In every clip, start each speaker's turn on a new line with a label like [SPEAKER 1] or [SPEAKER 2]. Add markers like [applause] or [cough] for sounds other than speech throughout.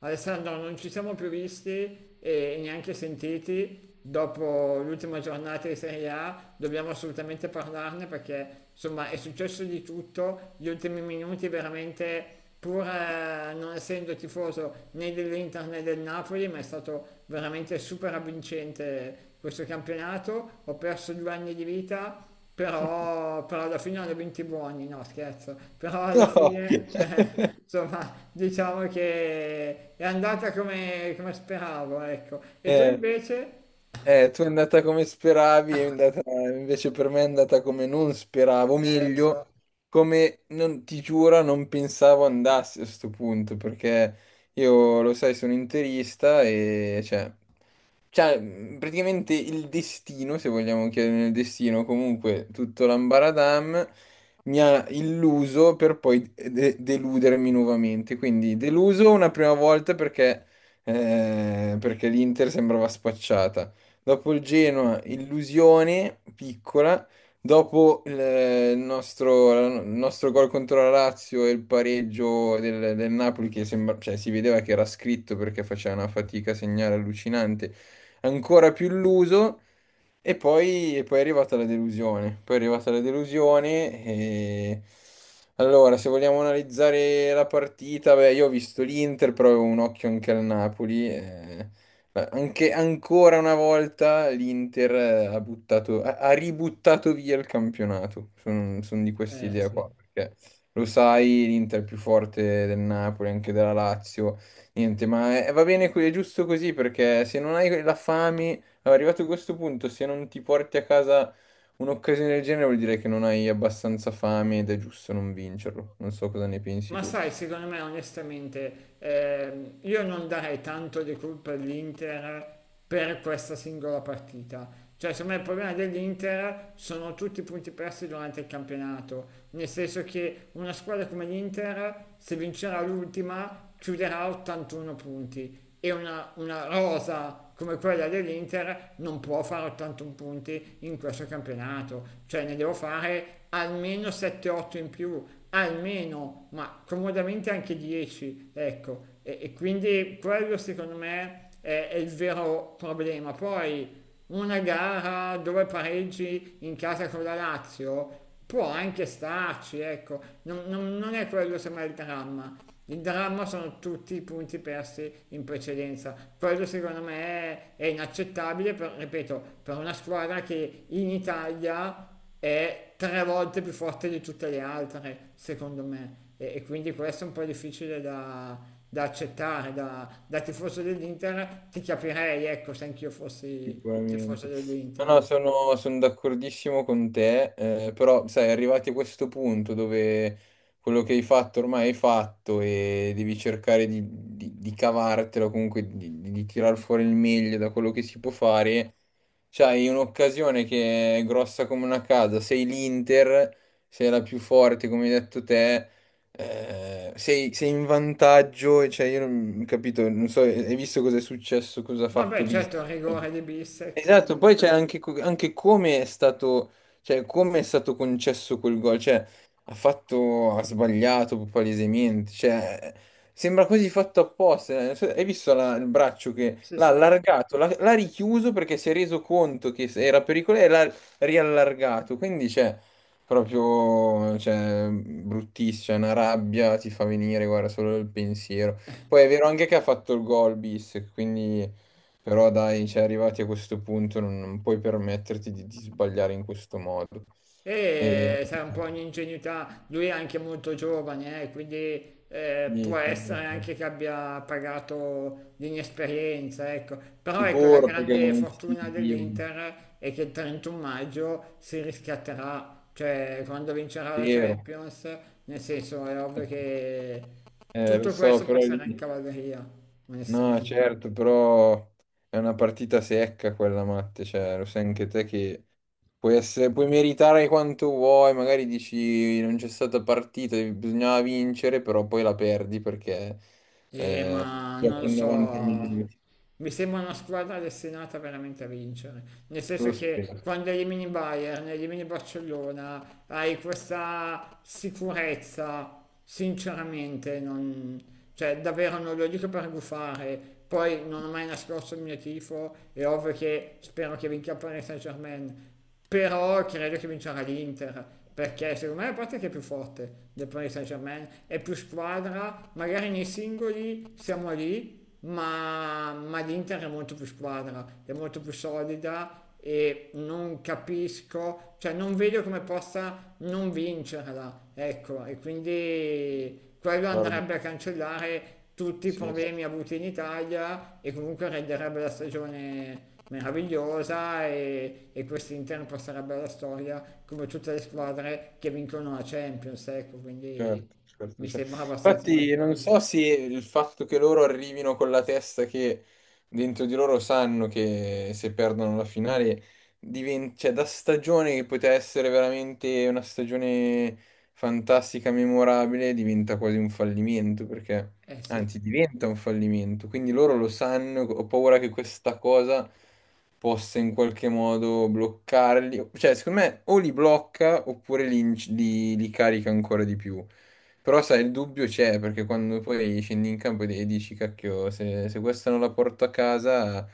[SPEAKER 1] Alessandro, non ci siamo più visti e neanche sentiti dopo l'ultima giornata di Serie A, dobbiamo assolutamente parlarne perché insomma è successo di tutto, gli ultimi minuti veramente pur non essendo tifoso né dell'Inter né del Napoli, ma è stato veramente super avvincente questo campionato, ho perso due anni di vita, però alla fine hanno vinto i buoni, no scherzo, però alla
[SPEAKER 2] No.
[SPEAKER 1] fine
[SPEAKER 2] [laughs]
[SPEAKER 1] insomma diciamo che è andata come, come speravo, ecco. E tu
[SPEAKER 2] Eh.
[SPEAKER 1] invece?
[SPEAKER 2] Tu è andata come speravi, è andata, invece per me è andata come non speravo,
[SPEAKER 1] Lo
[SPEAKER 2] meglio,
[SPEAKER 1] so.
[SPEAKER 2] come non, ti giuro, non pensavo andasse a sto punto, perché io, lo sai, sono interista e, cioè, praticamente il destino, se vogliamo chiedere nel destino, comunque tutto l'ambaradam mi ha illuso per poi deludermi nuovamente. Quindi deluso una prima volta perché, perché l'Inter sembrava spacciata dopo il Genoa, illusione piccola, dopo il nostro gol contro la Lazio e il pareggio del Napoli che sembra, cioè, si vedeva che era scritto perché faceva una fatica a segnare allucinante, ancora più illuso. E poi è arrivata la delusione. Poi è arrivata la delusione. Allora, se vogliamo analizzare la partita, beh, io ho visto l'Inter, però avevo un occhio anche al Napoli, Ma anche ancora una volta l'Inter ha buttato, ha ributtato via il campionato. Sono di quest'idea qua,
[SPEAKER 1] Sì.
[SPEAKER 2] perché lo sai, l'Inter è più forte del Napoli, anche della Lazio. Niente, ma va bene, è giusto così, perché se non hai la fame, arrivato a questo punto, se non ti porti a casa un'occasione del genere, vuol dire che non hai abbastanza fame ed è giusto non vincerlo. Non so cosa ne pensi
[SPEAKER 1] Ma
[SPEAKER 2] tu.
[SPEAKER 1] sai, secondo me onestamente io non darei tanto di colpa all'Inter per questa singola partita. Cioè, secondo me il problema dell'Inter sono tutti i punti persi durante il campionato, nel senso che una squadra come l'Inter, se vincerà l'ultima, chiuderà 81 punti e una rosa come quella dell'Inter non può fare 81 punti in questo campionato, cioè ne devo fare almeno 7-8 in più, almeno, ma comodamente anche 10, ecco, e quindi quello secondo me è il vero problema. Poi una gara dove pareggi in casa con la Lazio può anche starci, ecco, non è quello sembra il dramma. Il dramma sono tutti i punti persi in precedenza. Quello secondo me è inaccettabile, per- ripeto, per una squadra che in Italia è tre volte più forte di tutte le altre, secondo me. E quindi questo è un po' difficile da, da accettare. Da tifoso dell'Inter ti capirei, ecco, se anch'io fossi tifoso
[SPEAKER 2] Sicuramente. No,
[SPEAKER 1] dell'Inter.
[SPEAKER 2] no, sono, sono d'accordissimo con te, però sai, arrivati a questo punto dove quello che hai fatto ormai hai fatto e devi cercare di cavartelo, comunque di tirar fuori il meglio da quello che si può fare, c'hai un'occasione che è grossa come una casa, sei l'Inter, sei la più forte come hai detto te, sei in vantaggio, e, cioè io non capito, non so, hai visto cosa è successo, cosa ha
[SPEAKER 1] No,
[SPEAKER 2] fatto
[SPEAKER 1] beh,
[SPEAKER 2] Bis?
[SPEAKER 1] certo, il rigore di Bissek.
[SPEAKER 2] Esatto, poi c'è anche, anche come è stato, cioè, come è stato concesso quel gol, cioè, ha fatto, ha sbagliato palesemente, cioè, sembra quasi fatto apposta, non so- hai visto il braccio che
[SPEAKER 1] Sì,
[SPEAKER 2] l'ha
[SPEAKER 1] sì.
[SPEAKER 2] allargato, l'ha richiuso perché si è reso conto che era pericoloso e l'ha riallargato, quindi c'è proprio, cioè, bruttissima, una rabbia ti fa venire, guarda, solo il pensiero. Poi è vero anche che ha fatto il gol bis, quindi... Però dai, cioè, arrivati a questo punto non, non puoi permetterti di sbagliare in questo modo. E,
[SPEAKER 1] E sarà un po' un'ingenuità, lui è anche molto giovane, quindi può
[SPEAKER 2] niente, non
[SPEAKER 1] essere
[SPEAKER 2] so.
[SPEAKER 1] anche che abbia pagato l'inesperienza, ecco. Però ecco, la
[SPEAKER 2] Sicuro perché
[SPEAKER 1] grande
[SPEAKER 2] non è
[SPEAKER 1] fortuna
[SPEAKER 2] istintivo,
[SPEAKER 1] dell'Inter è che il 31 maggio si riscatterà, cioè quando vincerà la
[SPEAKER 2] vero,
[SPEAKER 1] Champions, nel senso è ovvio che
[SPEAKER 2] eh, lo
[SPEAKER 1] tutto
[SPEAKER 2] so,
[SPEAKER 1] questo
[SPEAKER 2] però lì...
[SPEAKER 1] passerà in cavalleria,
[SPEAKER 2] No,
[SPEAKER 1] onestamente.
[SPEAKER 2] certo, però è una partita secca quella, Matte, cioè, lo sai anche te che puoi, essere, puoi meritare quanto vuoi, magari dici non c'è stata partita, bisognava vincere, però poi la perdi perché eh,
[SPEAKER 1] Ma non
[SPEAKER 2] giochi
[SPEAKER 1] lo
[SPEAKER 2] in 90
[SPEAKER 1] so,
[SPEAKER 2] minuti,
[SPEAKER 1] mi sembra una squadra destinata veramente a vincere, nel senso
[SPEAKER 2] lo
[SPEAKER 1] che
[SPEAKER 2] spero.
[SPEAKER 1] quando elimini Bayern, elimini Barcellona, hai questa sicurezza, sinceramente, non, cioè davvero non lo dico per gufare, poi non ho mai nascosto il mio tifo, è ovvio che spero che vinca il Paris Saint-Germain, però credo che vincerà l'Inter perché secondo me la parte che è più forte del Paris Saint Germain è più squadra, magari nei singoli siamo lì, ma l'Inter è molto più squadra, è molto più solida e non capisco, cioè non vedo come possa non vincerla, ecco, e quindi quello
[SPEAKER 2] Guarda,
[SPEAKER 1] andrebbe a cancellare tutti i
[SPEAKER 2] sì,
[SPEAKER 1] problemi avuti in Italia e comunque renderebbe la stagione meravigliosa, e quest'Inter passerà bella storia come tutte le squadre che vincono la Champions, ecco, quindi
[SPEAKER 2] certo, certo,
[SPEAKER 1] mi
[SPEAKER 2] certo.
[SPEAKER 1] sembra abbastanza
[SPEAKER 2] Infatti non so
[SPEAKER 1] naturale.
[SPEAKER 2] se il fatto che loro arrivino con la testa che dentro di loro sanno che se perdono la finale, cioè, da stagione che poteva essere veramente una stagione fantastica, memorabile, diventa quasi un fallimento perché
[SPEAKER 1] Eh sì.
[SPEAKER 2] anzi, diventa un fallimento, quindi loro lo sanno, ho paura che questa cosa possa in qualche modo bloccarli, cioè secondo me o li blocca oppure li carica ancora di più, però sai, il dubbio c'è perché quando poi scendi in campo e dici cacchio, se questa non la porto a casa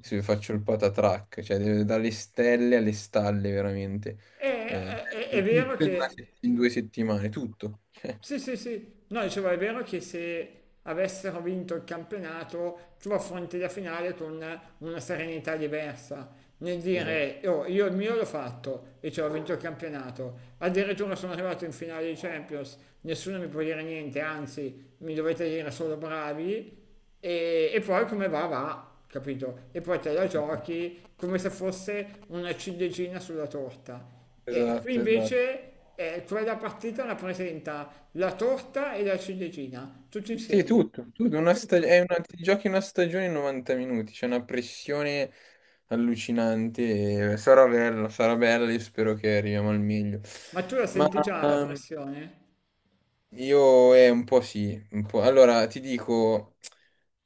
[SPEAKER 2] se faccio il patatrack, cioè dalle stelle alle stalle veramente,
[SPEAKER 1] E,
[SPEAKER 2] eh,
[SPEAKER 1] è
[SPEAKER 2] di
[SPEAKER 1] vero
[SPEAKER 2] tutto in, una
[SPEAKER 1] che
[SPEAKER 2] se- in due settimane, tutto.
[SPEAKER 1] Sì,
[SPEAKER 2] [laughs]
[SPEAKER 1] sì, sì. No, dicevo, è vero che se avessero vinto il campionato, tu affronti la finale con una serenità diversa. Nel dire, "Oh, io il mio l'ho fatto e cioè ho vinto il campionato. Addirittura sono arrivato in finale di Champions, nessuno mi può dire niente, anzi, mi dovete dire solo bravi. E poi come va, va, capito? E poi te la
[SPEAKER 2] Esatto.
[SPEAKER 1] giochi come se fosse una ciliegina sulla torta. E qui
[SPEAKER 2] Esatto, esatto.
[SPEAKER 1] invece quella partita la presenta la torta e la ciliegina, tutto
[SPEAKER 2] Sì,
[SPEAKER 1] insieme,
[SPEAKER 2] tutto, tutto, una stag-
[SPEAKER 1] tutto.
[SPEAKER 2] è una- ti giochi una stagione in 90 minuti, c'è una pressione allucinante, e sarà bella, io spero che arriviamo al meglio.
[SPEAKER 1] Ma tu la
[SPEAKER 2] Ma
[SPEAKER 1] senti già la
[SPEAKER 2] ehm,
[SPEAKER 1] pressione?
[SPEAKER 2] Io un po' sì, un po'. Allora ti dico,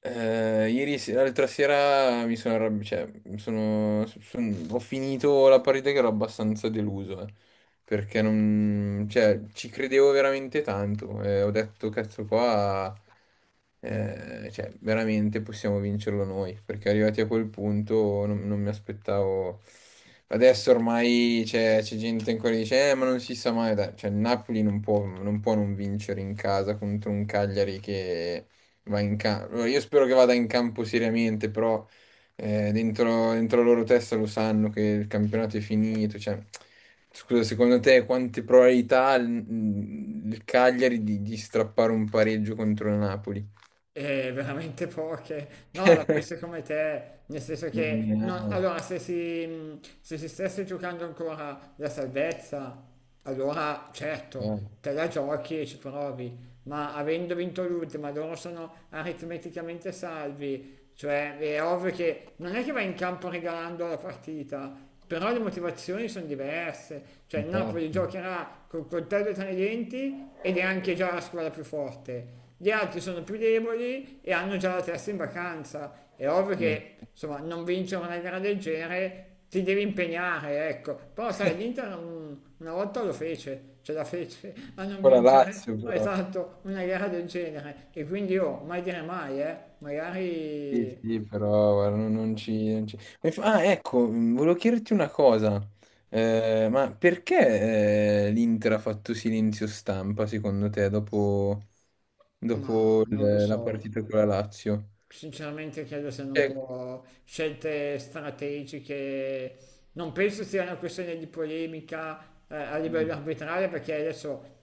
[SPEAKER 2] ieri l'altra sera mi sono arrabbiato, cioè mi sono, ho finito la partita che ero abbastanza deluso, perché non, cioè, ci credevo veramente tanto, ho detto cazzo qua. Cioè, veramente possiamo vincerlo noi, perché arrivati a quel punto non, non mi aspettavo. Adesso ormai c'è gente che ancora che dice, ma non si sa mai, dai, cioè, il Napoli non può, non può non vincere in casa contro un Cagliari che va in campo. Io spero che vada in campo seriamente, però dentro, dentro la loro testa lo sanno che il campionato è finito, cioè... Scusa, secondo te quante probabilità ha il Cagliari di strappare un pareggio contro il Napoli?
[SPEAKER 1] Veramente poche. No, la penso come te, nel senso
[SPEAKER 2] Eh,
[SPEAKER 1] che no, allora se si stesse giocando ancora la salvezza, allora certo,
[SPEAKER 2] eh,
[SPEAKER 1] te la giochi e ci provi, ma avendo vinto l'ultima, loro sono aritmeticamente salvi, cioè è ovvio che non è che vai in campo regalando la partita, però le motivazioni sono diverse, cioè il Napoli
[SPEAKER 2] esatto.
[SPEAKER 1] giocherà col coltello tra i denti ed è anche già la squadra più forte. Gli altri sono più deboli e hanno già la testa in vacanza. È ovvio che, insomma, non vincere una gara del genere ti devi impegnare, ecco. Però sai, l'Inter una volta lo fece, ce la fece [laughs] a non
[SPEAKER 2] Ancora
[SPEAKER 1] vincere,
[SPEAKER 2] Lazio però.
[SPEAKER 1] esatto, una gara del genere. E quindi io, mai dire mai,
[SPEAKER 2] Sì,
[SPEAKER 1] magari...
[SPEAKER 2] sì, però guarda, non, Ah, ecco, volevo chiederti una cosa. Ma perché l'Inter ha fatto silenzio stampa, secondo te, dopo,
[SPEAKER 1] Ma
[SPEAKER 2] dopo
[SPEAKER 1] non lo
[SPEAKER 2] la
[SPEAKER 1] so,
[SPEAKER 2] partita con la Lazio?
[SPEAKER 1] sinceramente credo siano un
[SPEAKER 2] Eh,
[SPEAKER 1] po' scelte strategiche. Non penso sia una questione di polemica a
[SPEAKER 2] mh,
[SPEAKER 1] livello arbitrale perché adesso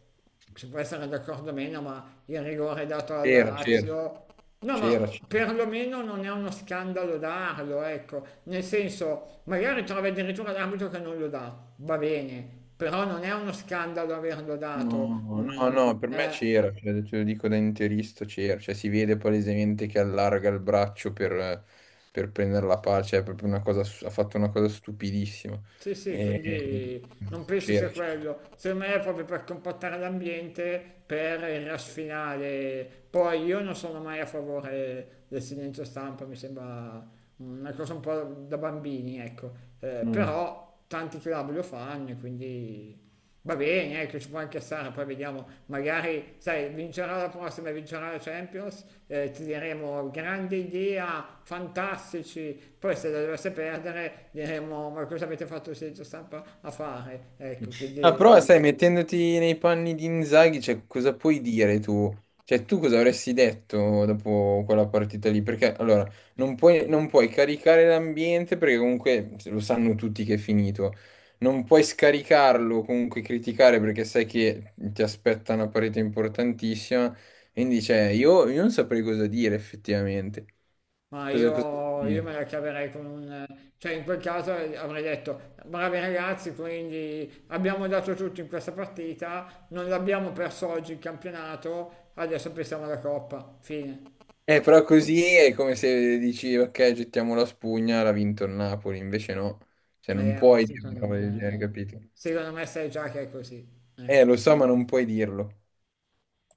[SPEAKER 1] si può essere d'accordo o meno, ma il rigore dato alla
[SPEAKER 2] C'era,
[SPEAKER 1] Lazio. No, ma
[SPEAKER 2] c'era.
[SPEAKER 1] perlomeno non è uno scandalo darlo, ecco. Nel senso, magari trovi addirittura l'arbitro che non lo dà, va bene, però non è uno scandalo averlo dato.
[SPEAKER 2] No, no,
[SPEAKER 1] Mm,
[SPEAKER 2] no, per me
[SPEAKER 1] eh,
[SPEAKER 2] c'era, cioè, te lo dico da interista, c'era, cioè si vede palesemente che allarga il braccio per prendere la palla, cioè è proprio una cosa, ha fatto una cosa stupidissima.
[SPEAKER 1] sì, sì,
[SPEAKER 2] E-
[SPEAKER 1] quindi non penso
[SPEAKER 2] C'era,
[SPEAKER 1] sia
[SPEAKER 2] c'era.
[SPEAKER 1] quello. Secondo me è proprio per compattare l'ambiente, per il rush finale. Poi io non sono mai a favore del silenzio stampa, mi sembra una cosa un po' da bambini, ecco.
[SPEAKER 2] Mm.
[SPEAKER 1] Però tanti club lo fanno, e quindi va bene, ecco, ci può anche stare, poi vediamo, magari, sai, vincerà la prossima, vincerà la Champions, ti diremo grande idea, fantastici, poi se la dovesse perdere diremo ma cosa avete fatto senza stampa a fare? Ecco,
[SPEAKER 2] Ah, però sai,
[SPEAKER 1] quindi...
[SPEAKER 2] mettendoti nei panni di Inzaghi, cioè, cosa puoi dire tu? Cioè, tu cosa avresti detto dopo quella partita lì? Perché, allora, non puoi, non puoi caricare l'ambiente perché comunque lo sanno tutti che è finito. Non puoi scaricarlo, comunque criticare perché sai che ti aspetta una parete importantissima. Quindi, cioè, io non saprei cosa dire effettivamente.
[SPEAKER 1] Ma
[SPEAKER 2] Cosa, cosa
[SPEAKER 1] io me
[SPEAKER 2] dire?
[SPEAKER 1] la caverei con un... cioè in quel caso avrei detto, bravi ragazzi, quindi abbiamo dato tutto in questa partita, non l'abbiamo perso oggi il campionato, adesso pensiamo alla Coppa, fine.
[SPEAKER 2] Però così è come se dici, ok, gettiamo la spugna, l'ha vinto il Napoli, invece no. Cioè, non
[SPEAKER 1] Ma
[SPEAKER 2] puoi
[SPEAKER 1] sì,
[SPEAKER 2] dire una
[SPEAKER 1] secondo
[SPEAKER 2] roba del genere,
[SPEAKER 1] me,
[SPEAKER 2] capito?
[SPEAKER 1] secondo me sai già che è così.
[SPEAKER 2] Lo
[SPEAKER 1] Eh.
[SPEAKER 2] so, ma non puoi dirlo.